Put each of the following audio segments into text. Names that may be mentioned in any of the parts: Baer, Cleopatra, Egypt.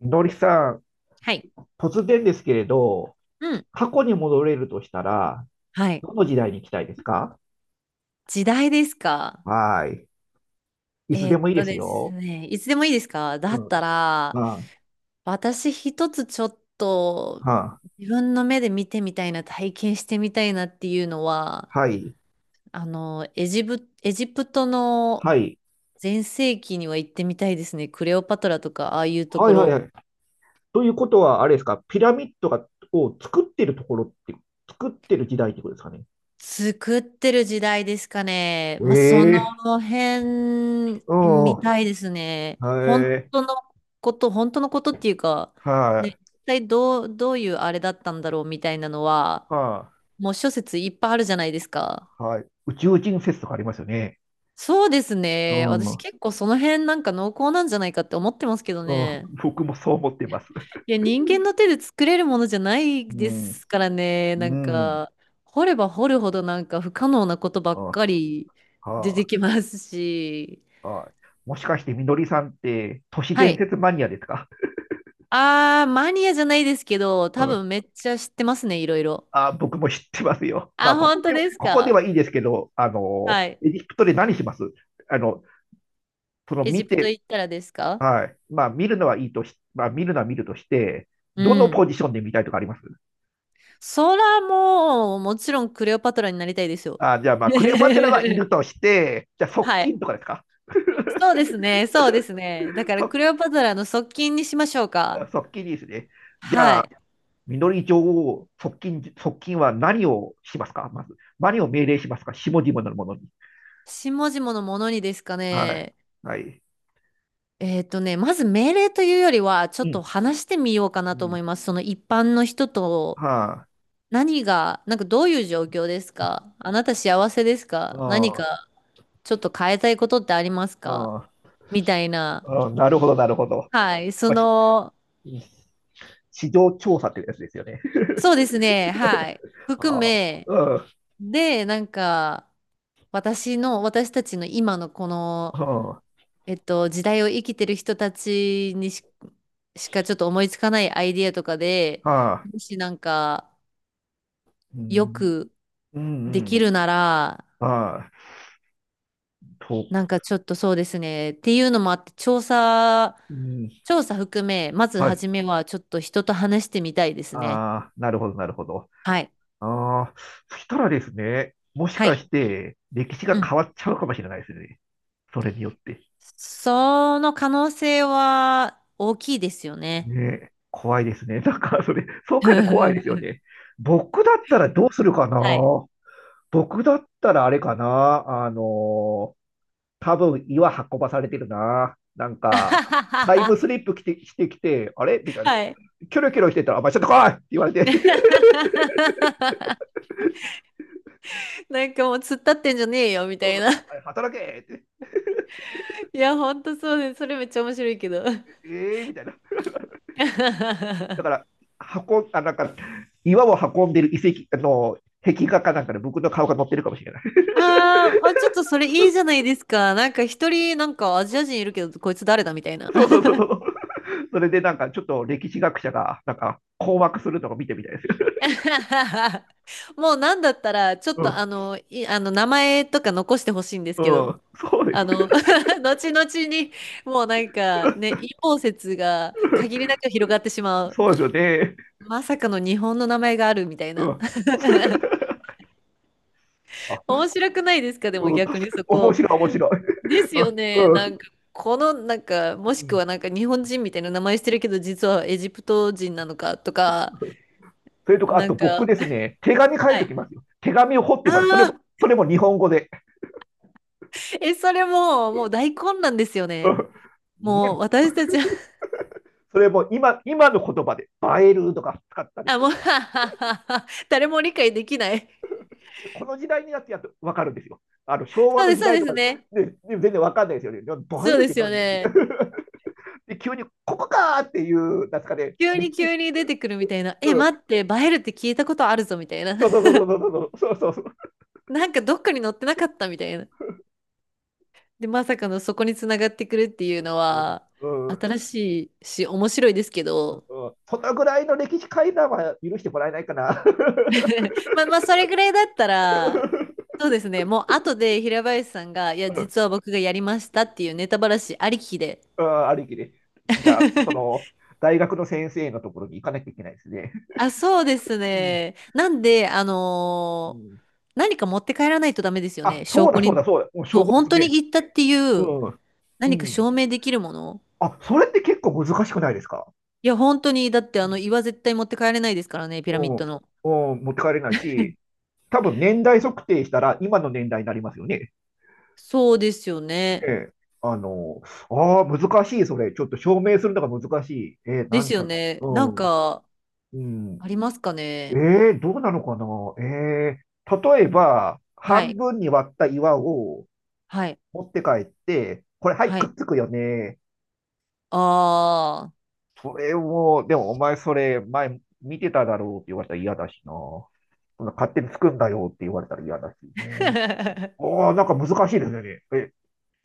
のりさん、はい。突然ですけれど、うん。過去に戻れるとしたら、はい。どの時代に行きたいですか？時代ですか？はーい。いつえでーっもいいでとすですよ。ね、いつでもいいですかだっうたん。ら、ああ、私一つちょっとはあ、自分の目で見てみたいな、体験してみたいなっていうのは、はい。エジプトのはい。全盛期には行ってみたいですね。クレオパトラとか、ああいうとはこいはいはろ。い。ということは、あれですか、ピラミッドを作ってるところって、作ってる時代ってことですかね。作ってる時代ですかね。まあ、そえのえ、辺うん。みはたいですね。い。本当のことっていうか、はね、い。一体どう、どういうあれだったんだろうみたいなのは、はもう諸説いっぱいあるじゃないですか。い。はい。宇宙人説とかありますよね。そうですうね。ん。う私ん。結構その辺なんか濃厚なんじゃないかって思ってますけどね。僕もそう思ってます。いや、人間の手で作れるものじゃないうでん。すからね。なうんん。か、掘れば掘るほどなんか不可能なことばうっかん。り出てはきますし。あ、はあ、もしかしてみのりさんって都市は伝い。説マニアですか？あー、マニアじゃないですけど、う多ん、分めっちゃ知ってますね、いろいろ。あ、僕も知ってますよ。まあ、あ、こ本こ当では、ですここでか？はいいですけど、あの、はい。エジプトで何します？あの、そのエジ見プトて、行ったらですか？はい。まあ、見るのはいいとし、まあ、見るのは見るとして、うどのポん。ジションで見たいとかあります？そらもう、もちろんクレオパトラになりたいですよ。あ、じゃあ、まあ、クレオパテラはいる として、じゃあ、側はい。近とかですか？そうですね、そうですね。だから側、クレオパトラの側近にしましょうか。側近ですね。じゃはあ、い。みのり女王、側近、側近は何をしますか？まず、何を命令しますか下々のものに？下々のものにですかはい。ね。はい。えっとね、まず命令というよりは、ちょうっん。と話してみようかうなと思ん。います。その一般の人と、はなんかどういう状況ですか？あ。あなた幸せですか？何あかちょっと変えたいことってありますか？あ。あみたいな。あ。あ、なるほど、なるほど。はい。そまあ、の、市場調査っていうやつですよね。そうですね。はい。含ああ。うめ、ん。はで、なんか、私たちの今のこの、あ。えっと、時代を生きてる人たちにし、しかちょっと思いつかないアイディアとかで、はあ。もしなんかうよん。くうでん。うきん。るなら、ああ。と。なんかちょっとそうですね。っていうのもあって、うん。調査含め、まずはい。初めはちょっと人と話してみたいですね。ああ。なるほど、なるほど。はい。ああ。そしたらですね、もしはかい。して、歴史がうん。変わっちゃうかもしれないですね。それによって。その可能性は大きいですよね。ね、怖いですね。なんか、それ、そう書いて怖いですよ ね。僕だったらどうするかな？はい。僕だったらあれかなー、多分岩運ばされてるな。なんか、タイムス リップ来てしてきて、あれみたいな。はい。キョロキョロしてたら、お前ちょっと来いって言われて、なんかもう突っ立ってんじゃねえよみうたん、いな。あ れ働けって、いや、ほんとそうです。それめっちゃ面白いけど。えー、みたいな。だから、運ん、あ、なんか、岩を運んでる遺跡、あの、壁画かなんかで僕の顔が載ってるかもしれない。あーあ、ちょっとそれいいじゃないですか。なんか一人、なんかアジア人いるけど、こいつ誰だみたい な。そうそうそうそう。それでなんかちょっと歴史学者がなんか困惑するのを見てみたいですよ。もうなんだったら、ちょっうとん、あの、い、あの、名前とか残してほしいんですうけど、ん、そうです。あの、後々に、もうなんかね、陰謀説が限り なく広がってしまう。そうですよね。まさかの日本の名前があるみたいうな。ん。あ、面白くないですか？でもうん、逆確にかにそ面こ。白い、面白い。ですよね。うなん。んか、この、なんか、うもしくん。はなんか日本人みたいな名前してるけど、実はエジプト人なのかとか、それとか、あなとん僕か、ですね、手紙書いはておい。きますよ。手紙を掘ってあます。それも、あ、それも日本語で。え、それもう、もう大混乱ですよね。もうね、私たちは、それも今の言葉で、映えるとか使った りして、はっはっはっは誰も理解できない。この時代になってやっと分かるんですよ。あの、昭和そうので時す、そう代でとすかね。で、ね、全然分かんないですよね。映えそうるっでてすよ何みたいね。な。で、急に、ここかーっていう、なんですかね、急歴に史、急に出てくるみたいな。うえ、待ん、って、バエルって聞いたことあるぞみたいな。そうそう そうそうそうそう、そうそうなんかどっかに載ってなかったみたいな。で、まさかのそこにつながってくるっていうのそう、は、うん、うん、新しいし、面白いですけど、そのぐらいの歴史階段は許してもらえないかな。まあまあ、それぐらいだったら、そうですね、もう後で平林さんが、いや、うん、実は僕がやりましたっていうネタばらしありきで。うん、ある意味で。じゃあ、そ の、大学の先生のところに行かなきゃいけないですね。あ、そうですうん、ね。なんで、あうのーん、何か持って帰らないとダメですよあ、ね。そ証うだ拠そうに。だそうだ、もうそ証う、拠で本す当にね。言ったっていううん、う何かん。証明できるもの。あ、それって結構難しくないですか？いや、本当に、だってうあの、ん、岩絶対持って帰れないですからね、ピラうミッん、ドの。うん、持って帰れないし、多分年代測定したら今の年代になりますよね。そうですよえね。え、あの、ああ、難しい、それ。ちょっと証明するのが難しい。ええ、なでんすよか、ね。うなんん、か、うあん。りますかね。ええ、どうなのかな。ええ、例えば、は半い、分に割った岩をはい、持って帰って、これ、はい、はくい。っつくよね。ああ。それを、でも、お前、それ、前、見てただろうって言われたら嫌だしな。そんな勝手につくんだよって言われたら嫌だしね。ああ、なんか難しいですよね。え、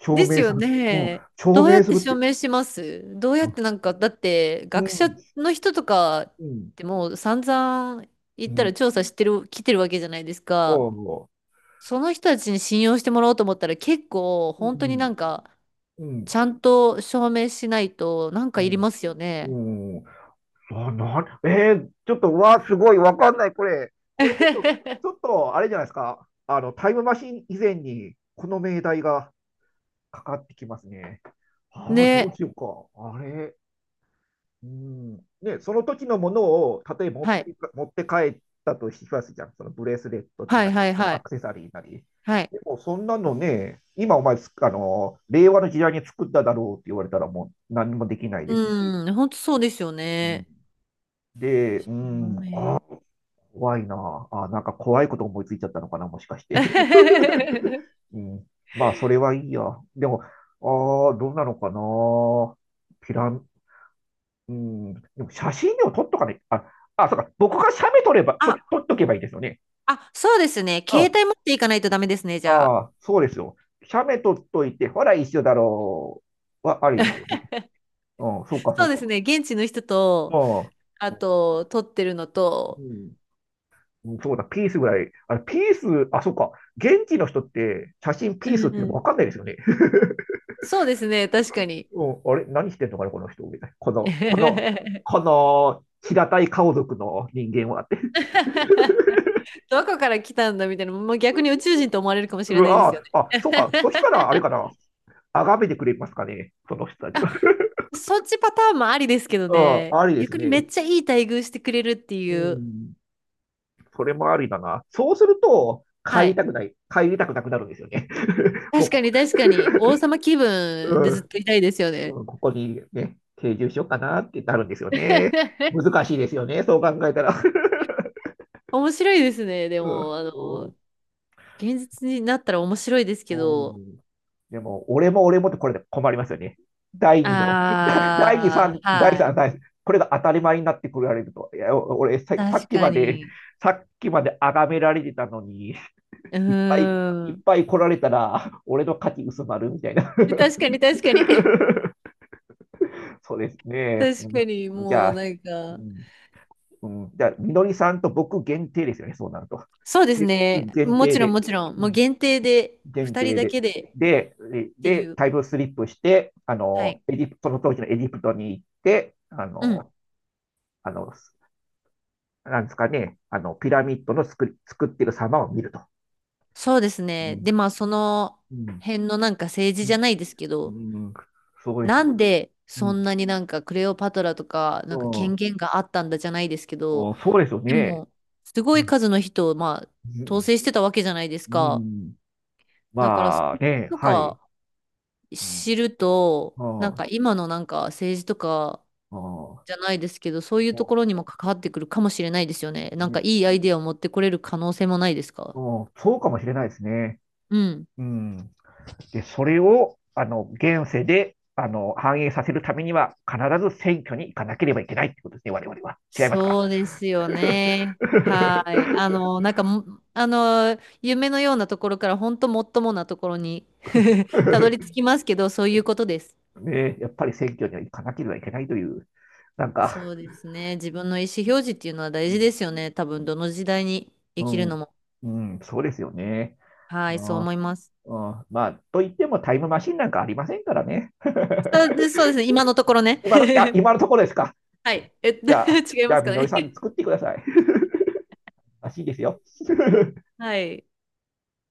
証です明すよる。うん、ね。証どうやっ明すてるっ証て。明します？どうやうっん、てなんか、だって学者の人とかっうん、てもう散々言うったらん。調査してる、来てるわけじゃないですお、か。う、その人たちに信用してもらおうと思ったら結構う本当になん、んか、うん、ちゃんと証明しないとなんかいりますようね。ん、うん。あ、えー、ちょっと、わあ、すごい、わかんない、これ。これちょっと、ちょっと、あれじゃないですか。あの、タイムマシン以前に、この命題がかかってきますね。ああ、どうね。しようか。あれ。うん、ね、その時のものを、例えばはい。持って帰ったとしますじゃん。そのブレスレットはないはり、いそのはアい。クセサリーなり。はいでも、そんなのね、今お前つあの、令和の時代に作っただろうって言われたらもう何もできないですし。うん、本当そうですようん、ね。で、うダん、メ 怖いなあ。あ、なんか怖いこと思いついちゃったのかな、もしかして。うん、まあ、それはいいや。でも、ああ、どうなのかな。ピラン、うん、でも写真でも撮っとかない。あ、あ、そうか。僕が写メ撮れば、ちあ、ょ、撮っとけばいいですよね。あ、そうですね。う携ん。帯持っていかないとダメですね、じゃああ。あ、そうですよ。写メ撮っといて、ほら、一緒だろう。は、ありですよね。うん、そうか、そそううでか。すね。現地の人と、うあと、撮ってるのと、ん。うん、そうだ、ピースぐらい。あれ、ピース、あ、そうか。現地の人って、写真うピースっんていううのもわかん。んないですよね。そうですね、確かに。うん、あれ、何してんのかな、この人。みたいな。こ の、平たい顔族の人間はって。どこから来たんだみたいな、もう逆に宇宙人と思われるかもしうれないですわよね。あ、あ、そうか。そしたら、あれ かな。あがめてくれますかね、その人たちは。そっちパターンもありですけどうん、ね、ありです逆にめっね。ちゃいい待遇してくれるってういう。ん、それもありだな。そうすると、はい。帰りたくなくなるんですよね。確かもに確かに、王様気う、分うでずっん、といたいですよね。うん、ここにね、定住しようかなってなるんですよね。難しいですよね、そう考えたら。面白いですね。でうん、も、あの、うん、現実になったら面白いですけうど、ん、でも、俺も俺もってこれで困りますよね。第2の、第2、あ3、ー、第はい。3、第3、これが当たり前になってくられると。いや、俺さ、さっ確きかまで、に。さっきまで崇められてたのに、うーいっぱいいっん。ぱい来られたら、俺の価値薄まるみたいな。確かに確かに。そうですね。確うかん、に、じゃもうあ、なんうか、ん、うん、じゃあ、みのりさんと僕限定ですよね、そうなると。そうですでね。限も定ちろんで。もちろん、うもうん、限定で、限二人定だで。けでで、っていで、う。タイムスリップして、あはの、い。エジプト、その当時のエジプトに行って、あうん。の、あの、なんですかね、あの、ピラミッドの作り、作ってる様を見ると。そうですね。で、まあ、そのうん、辺のなんか政治うじゃないですけど、ん、うん、そうです。なんでうそん、んなになんかクレオパトラとかうなんか権ん、限があったんだじゃないですけど、お、そうですよでね。もすうごいん、数の人をまあ統制してたわけじゃないですうか。ん、だからそまあれね、とはい。かうん、知ると、なんあか今のなんか政治とかあ、じあゃないですけど、そういうとこあ、ろにも関わってくるかもしれないですよね。なんかね、いいアイデアを持ってこれる可能性もないですか？あ、そうかもしれないですね。うん。うん、で、それを、あの、現世で、あの、反映させるためには、必ず選挙に行かなければいけないってことですね、我々は。違いますか？ そうですよね。はい。あの、なんかも、あの、夢のようなところから、本当もっともなところに たどり着きますけど、そういうことです。ね、やっぱり選挙には行かなければいけないという、なんそか、うですね。自分の意思表示っていうのはう大事でん、すよね。多分、どの時代に生うきるのん、も。うん、そうですよね。はい、そうああ、思います。うん、まあ、といってもタイムマシンなんかありませんからね。そ うでそうですね。今のところね。今の、あ、今のところですか。はい。え、じゃあ、違いじまゃあ、すかみのりね。さん 作ってください。らしいですよ。はい。